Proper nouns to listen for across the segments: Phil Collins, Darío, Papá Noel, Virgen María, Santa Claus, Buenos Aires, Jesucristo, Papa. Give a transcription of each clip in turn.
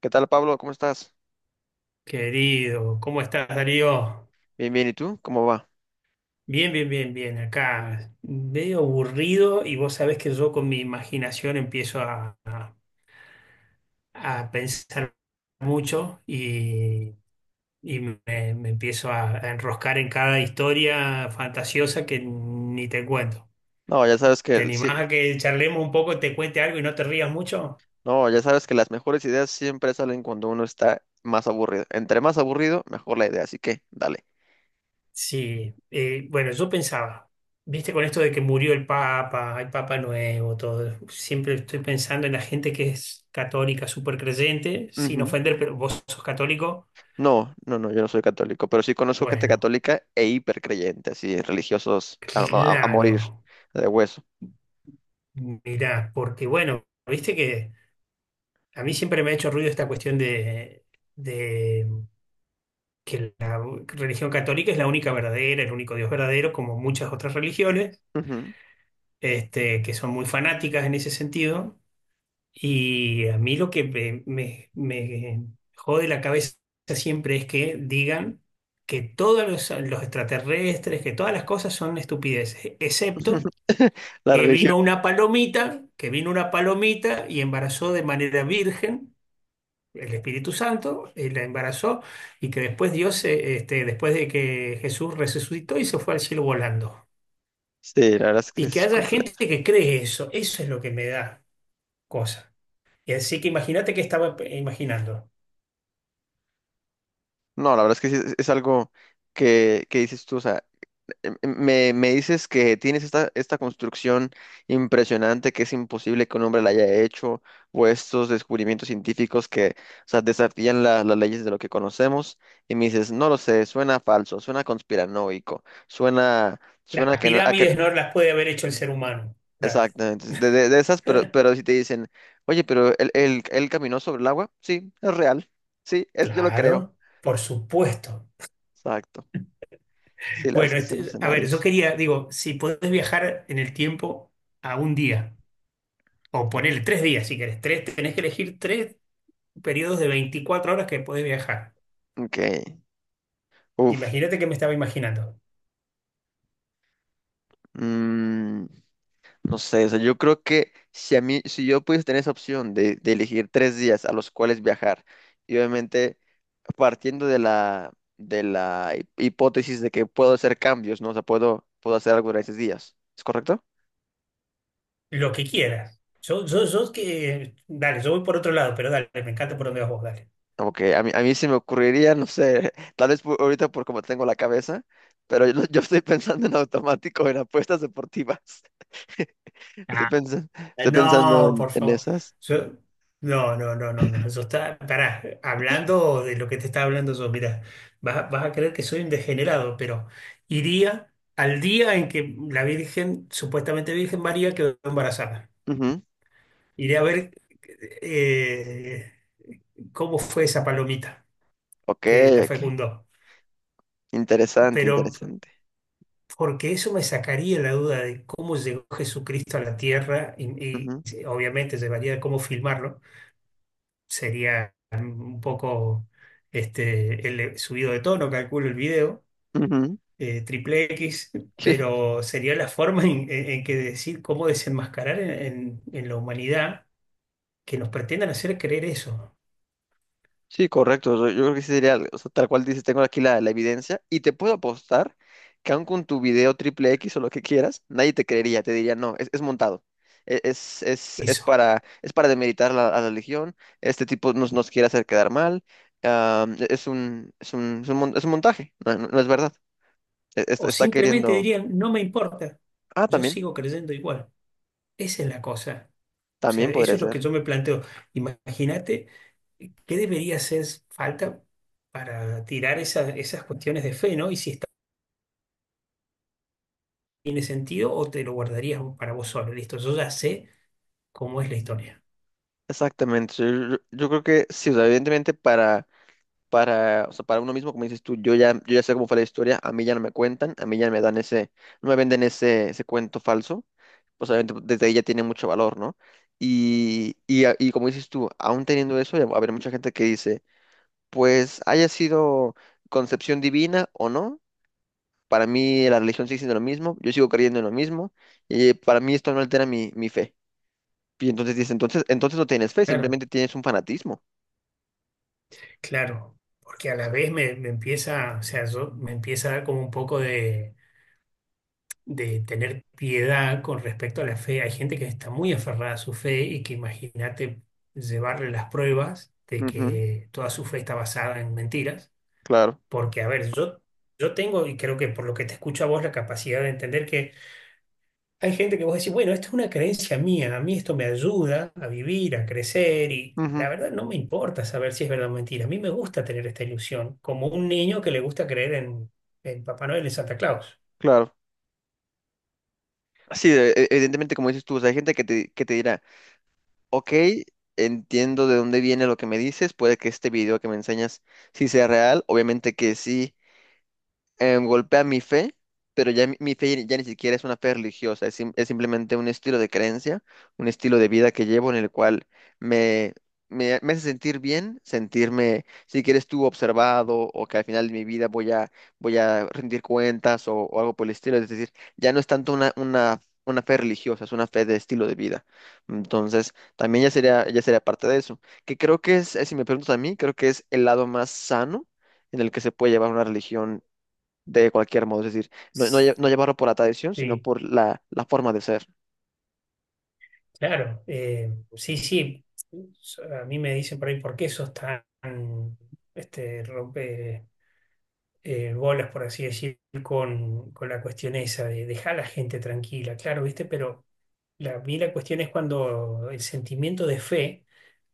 ¿Qué tal, Pablo? ¿Cómo estás? Querido, ¿cómo estás, Darío? Bien, bien, ¿y tú? ¿Cómo va? Bien, bien, bien, bien. Acá medio aburrido y vos sabés que yo con mi imaginación empiezo a pensar mucho y, me empiezo a enroscar en cada historia fantasiosa que ni te cuento. No, ya sabes que ¿Te sí, animás a que charlemos un poco, te cuente algo y no te rías mucho? no, ya sabes que las mejores ideas siempre salen cuando uno está más aburrido. Entre más aburrido, mejor la idea, así que dale. Sí, bueno, yo pensaba, viste, con esto de que murió el Papa, hay Papa nuevo, todo, siempre estoy pensando en la gente que es católica, súper creyente, sin Ujú. ofender, pero vos sos católico, No, no, no, yo no soy católico, pero sí conozco gente bueno, católica e hipercreyente, así, religiosos a morir claro, de hueso. mirá, porque bueno, viste que a mí siempre me ha hecho ruido esta cuestión de que la religión católica es la única verdadera, el único Dios verdadero, como muchas otras religiones, Ujú. este, que son muy fanáticas en ese sentido. Y a mí lo que me jode la cabeza siempre es que digan que todos los extraterrestres, que todas las cosas son estupideces, excepto La que religión. vino una palomita, que vino una palomita y embarazó de manera virgen el Espíritu Santo, y la embarazó, y que después Dios, después de que Jesús resucitó y se fue al cielo volando. Sí, la verdad es que Y que es haya gente completa. que cree eso, eso es lo que me da cosa. Y así que imagínate que estaba imaginando. No, la verdad es que sí, es algo que dices tú, o sea, me dices que tienes esta construcción impresionante que es imposible que un hombre la haya hecho, o estos descubrimientos científicos que, o sea, desafían las leyes de lo que conocemos, y me dices, no lo sé, suena falso, suena conspiranoico, suena, Las suena que no, pirámides no las puede haber hecho el ser humano. Dale. exactamente, de esas, pero si te dicen, oye, pero él caminó sobre el agua, sí, es real, sí, es, yo lo creo, Claro, por supuesto. exacto, sí, la verdad es Bueno, que son a ver, yo escenarios, quería, digo, si podés viajar en el tiempo a un día, o ponerle tres días si querés, tres, tenés que elegir tres periodos de 24 horas que podés viajar. ok, uff. Imagínate que me estaba imaginando. No sé, o sea, yo creo que si a mí, si yo pudiese tener esa opción de elegir 3 días a los cuales viajar, y obviamente partiendo de la, de la hipótesis de que puedo hacer cambios, ¿no? O sea, puedo hacer algo en esos días, ¿es correcto? Lo que quieras. Yo que. Dale, yo voy por otro lado, pero dale, me encanta por donde vas vos, dale. Como que a mí se me ocurriría, no sé, tal vez ahorita por como tengo la cabeza, pero yo estoy pensando en automático, en apuestas deportivas. Estoy pensando, Eh, estoy pensando No, en, por en favor. esas. Yo- no, no, no, no, no. Eso está. Pará, hablando de lo que te estaba hablando yo, mira, vas a creer que soy un degenerado, pero iría al día en que la Virgen, supuestamente Virgen María, quedó embarazada. Ujú. Iré a ver eh, cómo fue esa palomita Ok, que la ok. fecundó. Interesante, Pero interesante. porque eso me sacaría la duda de cómo llegó Jesucristo a la tierra y, Ujú, y obviamente llevaría a cómo filmarlo. Sería un poco este, el subido de tono, calculo el video, ujú. Triple X, Sí, pero sería la forma en que decir cómo desenmascarar en la humanidad que nos pretendan hacer creer eso, sí, correcto. Yo creo que sí sería, o sea, tal cual dices, tengo aquí la evidencia y te puedo apostar que aun con tu video triple X o lo que quieras, nadie te creería, te diría, no, es montado. Es, es, es eso. para, es para demeritar a la religión, este tipo nos quiere hacer quedar mal, ah, es un, es un, es un, mon- es un montaje, no, no es verdad. O Está simplemente queriendo. dirían, no me importa, Ah, yo también, sigo creyendo igual. Esa es la cosa. O sea, también eso podría es lo ser. que yo me planteo. Imagínate qué debería hacer falta para tirar esas cuestiones de fe, ¿no? Y si está tiene sentido o te lo guardarías para vos solo. Listo, yo ya sé cómo es la historia. Exactamente. Yo creo que sí, o sea, evidentemente para, o sea, para uno mismo, como dices tú, yo ya sé cómo fue la historia, a mí ya no me cuentan, a mí ya me dan ese, no me venden ese, cuento falso, pues obviamente pues, desde ahí ya tiene mucho valor, ¿no? Y como dices tú, aún teniendo eso, ya va a haber mucha gente que dice, pues haya sido concepción divina o no, para mí la religión sigue siendo lo mismo, yo sigo creyendo en lo mismo, y para mí esto no altera mi fe. Y entonces dice, entonces, entonces no tienes fe, Claro, simplemente tienes un fanatismo. claro. Porque a la vez me empieza, o sea, yo, me empieza a dar como un poco de tener piedad con respecto a la fe. Hay gente que está muy aferrada a su fe y que imagínate llevarle las pruebas de Ujú, que toda su fe está basada en mentiras. claro, Porque, a ver, yo tengo, y creo que por lo que te escucho a vos, la capacidad de entender que hay gente que vos decís, bueno, esto es una creencia mía, a mí esto me ayuda a vivir, a crecer y ujú, la verdad no me importa saber si es verdad o mentira. A mí me gusta tener esta ilusión, como un niño que le gusta creer en Papá Noel y Santa Claus. claro. Sí, evidentemente, como dices tú, o sea, hay gente que te dirá, ok, entiendo de dónde viene lo que me dices, puede que este video que me enseñas sí sea real, obviamente que sí golpea mi fe, pero ya mi fe ya ni siquiera es una fe religiosa, es simplemente un estilo de creencia, un estilo de vida que llevo en el cual me, me hace sentir bien, sentirme, si quieres tú, observado o que al final de mi vida voy a rendir cuentas o algo por el estilo, es decir, ya no es tanto una fe religiosa, es una fe de estilo de vida. Entonces, también ya sería parte de eso, que creo que es, si me preguntas a mí, creo que es el lado más sano en el que se puede llevar una religión de cualquier modo, es decir, no, no, no llevarlo por la tradición, sino Sí, por la forma de ser. claro. Sí, sí. A mí me dicen por ahí, ¿por qué sos tan rompe? Bolas, por así decir, con la cuestión esa de dejar a la gente tranquila, claro, ¿viste? Pero la, a mí la cuestión es cuando el sentimiento de fe,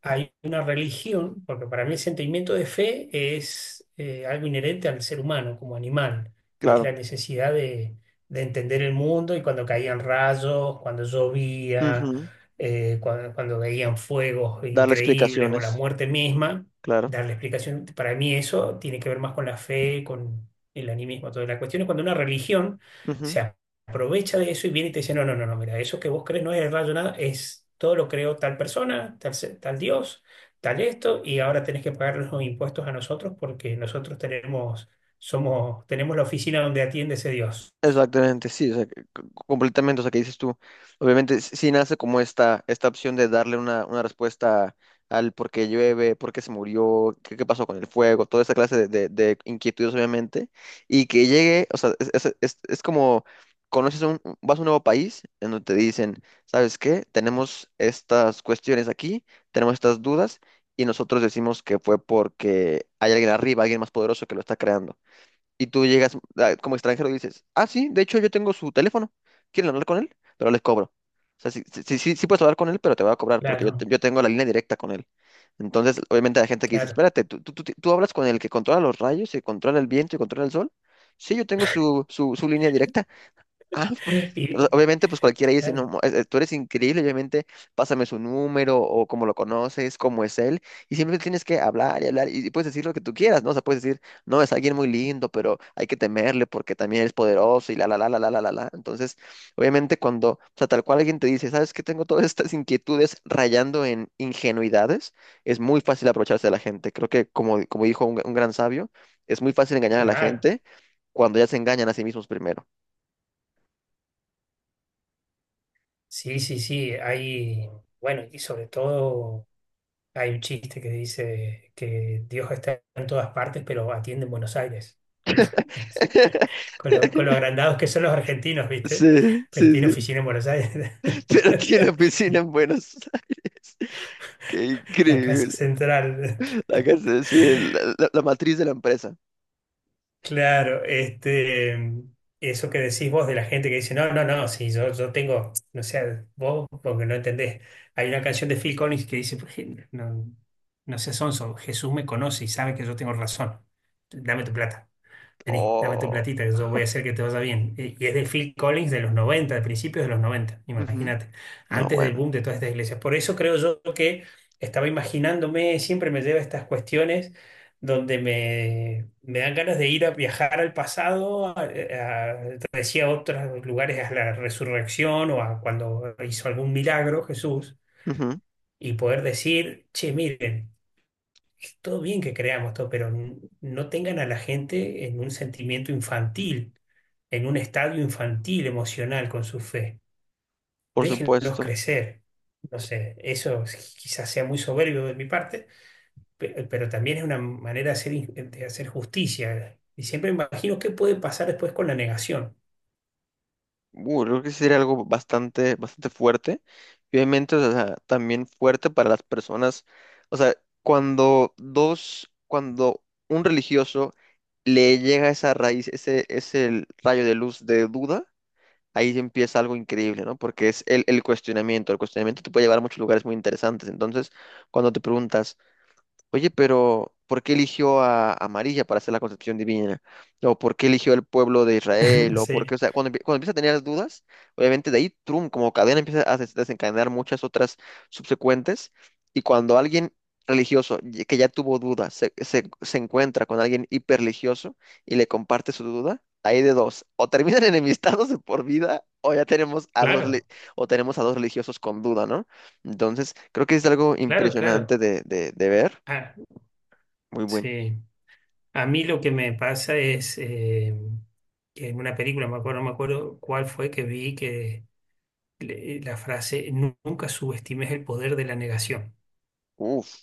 hay una religión, porque para mí el sentimiento de fe es algo inherente al ser humano como animal, que es Claro. la necesidad de entender el mundo y cuando caían rayos, cuando llovía, Ujú. Cuando, cuando veían fuegos Darle increíbles o la explicaciones, muerte misma claro. darle explicación. Para mí eso tiene que ver más con la fe, con el animismo, toda la cuestión es cuando una religión Ujú. se aprovecha de eso y viene y te dice, no, no, no, no, mira, eso que vos crees no es el rayo nada, es todo lo creó tal persona, tal Dios, tal esto, y ahora tenés que pagar los impuestos a nosotros porque nosotros tenemos, somos, tenemos la oficina donde atiende ese Dios. Exactamente, sí, o sea, completamente, o sea, que dices tú, obviamente sí nace como esta opción de darle una respuesta al por qué llueve, por qué se murió, qué pasó con el fuego, toda esa clase de inquietudes, obviamente, y que llegue, o sea, es como, conoces un, vas a un nuevo país en donde te dicen, ¿sabes qué? Tenemos estas cuestiones aquí, tenemos estas dudas, y nosotros decimos que fue porque hay alguien arriba, alguien más poderoso que lo está creando. Y tú llegas ah, como extranjero y dices, ah, sí, de hecho yo tengo su teléfono, ¿quieren hablar con él? Pero les cobro. O sea, sí, sí, sí, sí puedes hablar con él, pero te va a cobrar porque yo, te- Claro, yo tengo la línea directa con él. Entonces, obviamente la gente que dice, claro. espérate, ¿tú hablas con el que controla los rayos y controla el viento y controla el sol? Sí, yo tengo su línea directa. Ah, pues, Y obviamente, pues cualquiera dice, no, claro, tú eres increíble, obviamente, pásame su número o cómo lo conoces, cómo es él, y siempre tienes que hablar y hablar y puedes decir lo que tú quieras, ¿no? O sea, puedes decir, no, es alguien muy lindo, pero hay que temerle porque también es poderoso y la, la, la, la, la, la, la, la. Entonces, obviamente, cuando, o sea, tal cual alguien te dice, sabes que tengo todas estas inquietudes rayando en ingenuidades, es muy fácil aprovecharse de la gente. Creo que, como, como dijo un gran sabio, es muy fácil engañar a la claro. gente cuando ya se engañan a sí mismos primero. Sí, sí, sí, hay, bueno, y sobre todo hay un chiste que dice que Dios está en todas partes, pero atiende en Buenos Aires. Con lo agrandados que son los argentinos, ¿viste? Sí, Pero sí, tiene sí. oficina en Buenos Aires. Pero tiene oficina en Buenos Aires. Qué La casa increíble. central. La casa, sí, la matriz de la empresa. Claro, este, eso que decís vos de la gente que dice, no, no, no, si yo, yo tengo, no sé, vos, porque no entendés. Hay una canción de Phil Collins que dice, pues no, no seas sonso, Jesús me conoce y sabe que yo tengo razón. Dame tu plata. Vení, dame tu Oh, platita, que yo voy a hacer que te vaya bien. Y es de Phil Collins de los 90, de principios de los 90. ujú. Imagínate, No, antes del bueno. boom de todas estas iglesias. Por eso creo yo que estaba imaginándome, siempre me lleva a estas cuestiones donde me dan ganas de ir a viajar al pasado, te decía, a otros lugares, a la resurrección o a cuando hizo algún milagro Jesús, Ujú. y poder decir, che, miren, todo bien que creamos todo, pero no tengan a la gente en un sentimiento infantil, en un estadio infantil emocional con su fe. Por Déjenlos supuesto. crecer. No sé, quizás sea muy soberbio de mi parte, pero también es una manera de hacer, de hacer justicia. Y siempre me imagino qué puede pasar después con la negación. Creo que sería algo bastante, bastante fuerte. Y obviamente, o sea, también fuerte para las personas. O sea, cuando un religioso le llega esa raíz, ese rayo de luz de duda ahí sí empieza algo increíble, ¿no? Porque es el cuestionamiento. El cuestionamiento te puede llevar a muchos lugares muy interesantes. Entonces, cuando te preguntas, oye, pero ¿por qué eligió a María para hacer la concepción divina? ¿O por qué eligió el pueblo de Israel? ¿O por qué? O Sí, sea, cuando, cuando empieza a tener las dudas, obviamente de ahí, trum, como cadena empieza a desencadenar muchas otras subsecuentes. Y cuando alguien religioso que ya tuvo dudas se encuentra con alguien hiperreligioso y le comparte su duda, hay de dos, o terminan enemistados de por vida, claro, o tenemos a dos religiosos con duda, ¿no? Entonces, creo que es algo claro, impresionante claro. de ver. Ah, Muy buen. sí. A mí lo que me pasa es que en una película, me acuerdo, no me acuerdo cuál fue que vi que la frase, Nunca subestimes el poder de la negación. Uf,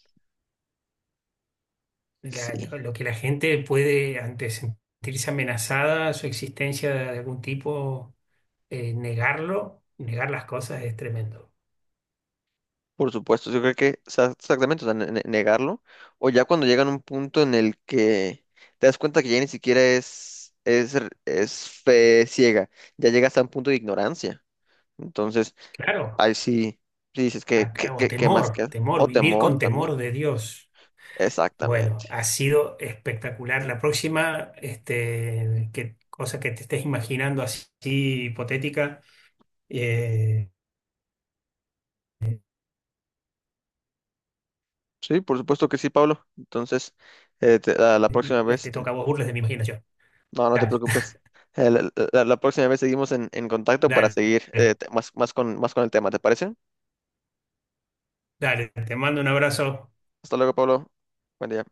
Sí. Lo que la gente puede, ante sentirse amenazada, su existencia de algún tipo, negarlo, negar las cosas es tremendo. Por supuesto, yo creo que o sea, exactamente, o sea, negarlo. O ya cuando llegan a un punto en el que te das cuenta que ya ni siquiera es fe ciega, ya llegas a un punto de ignorancia. Entonces, Claro, ahí sí, sí dices que, que, o que- que temor, más queda. temor, O vivir temor con también. temor de Dios. Bueno, Exactamente. ha sido espectacular. La próxima, este, que, cosa que te estés imaginando así, hipotética, eh, Sí, por supuesto que sí, Pablo. Entonces, a la próxima vez, te toca a vos burles de mi imaginación. no, no te Dale, preocupes. Eh, La, la próxima vez seguimos en, contacto para dale. seguir más con el tema, ¿te parece? Dale, te mando un abrazo. Hasta luego, Pablo. Buen día.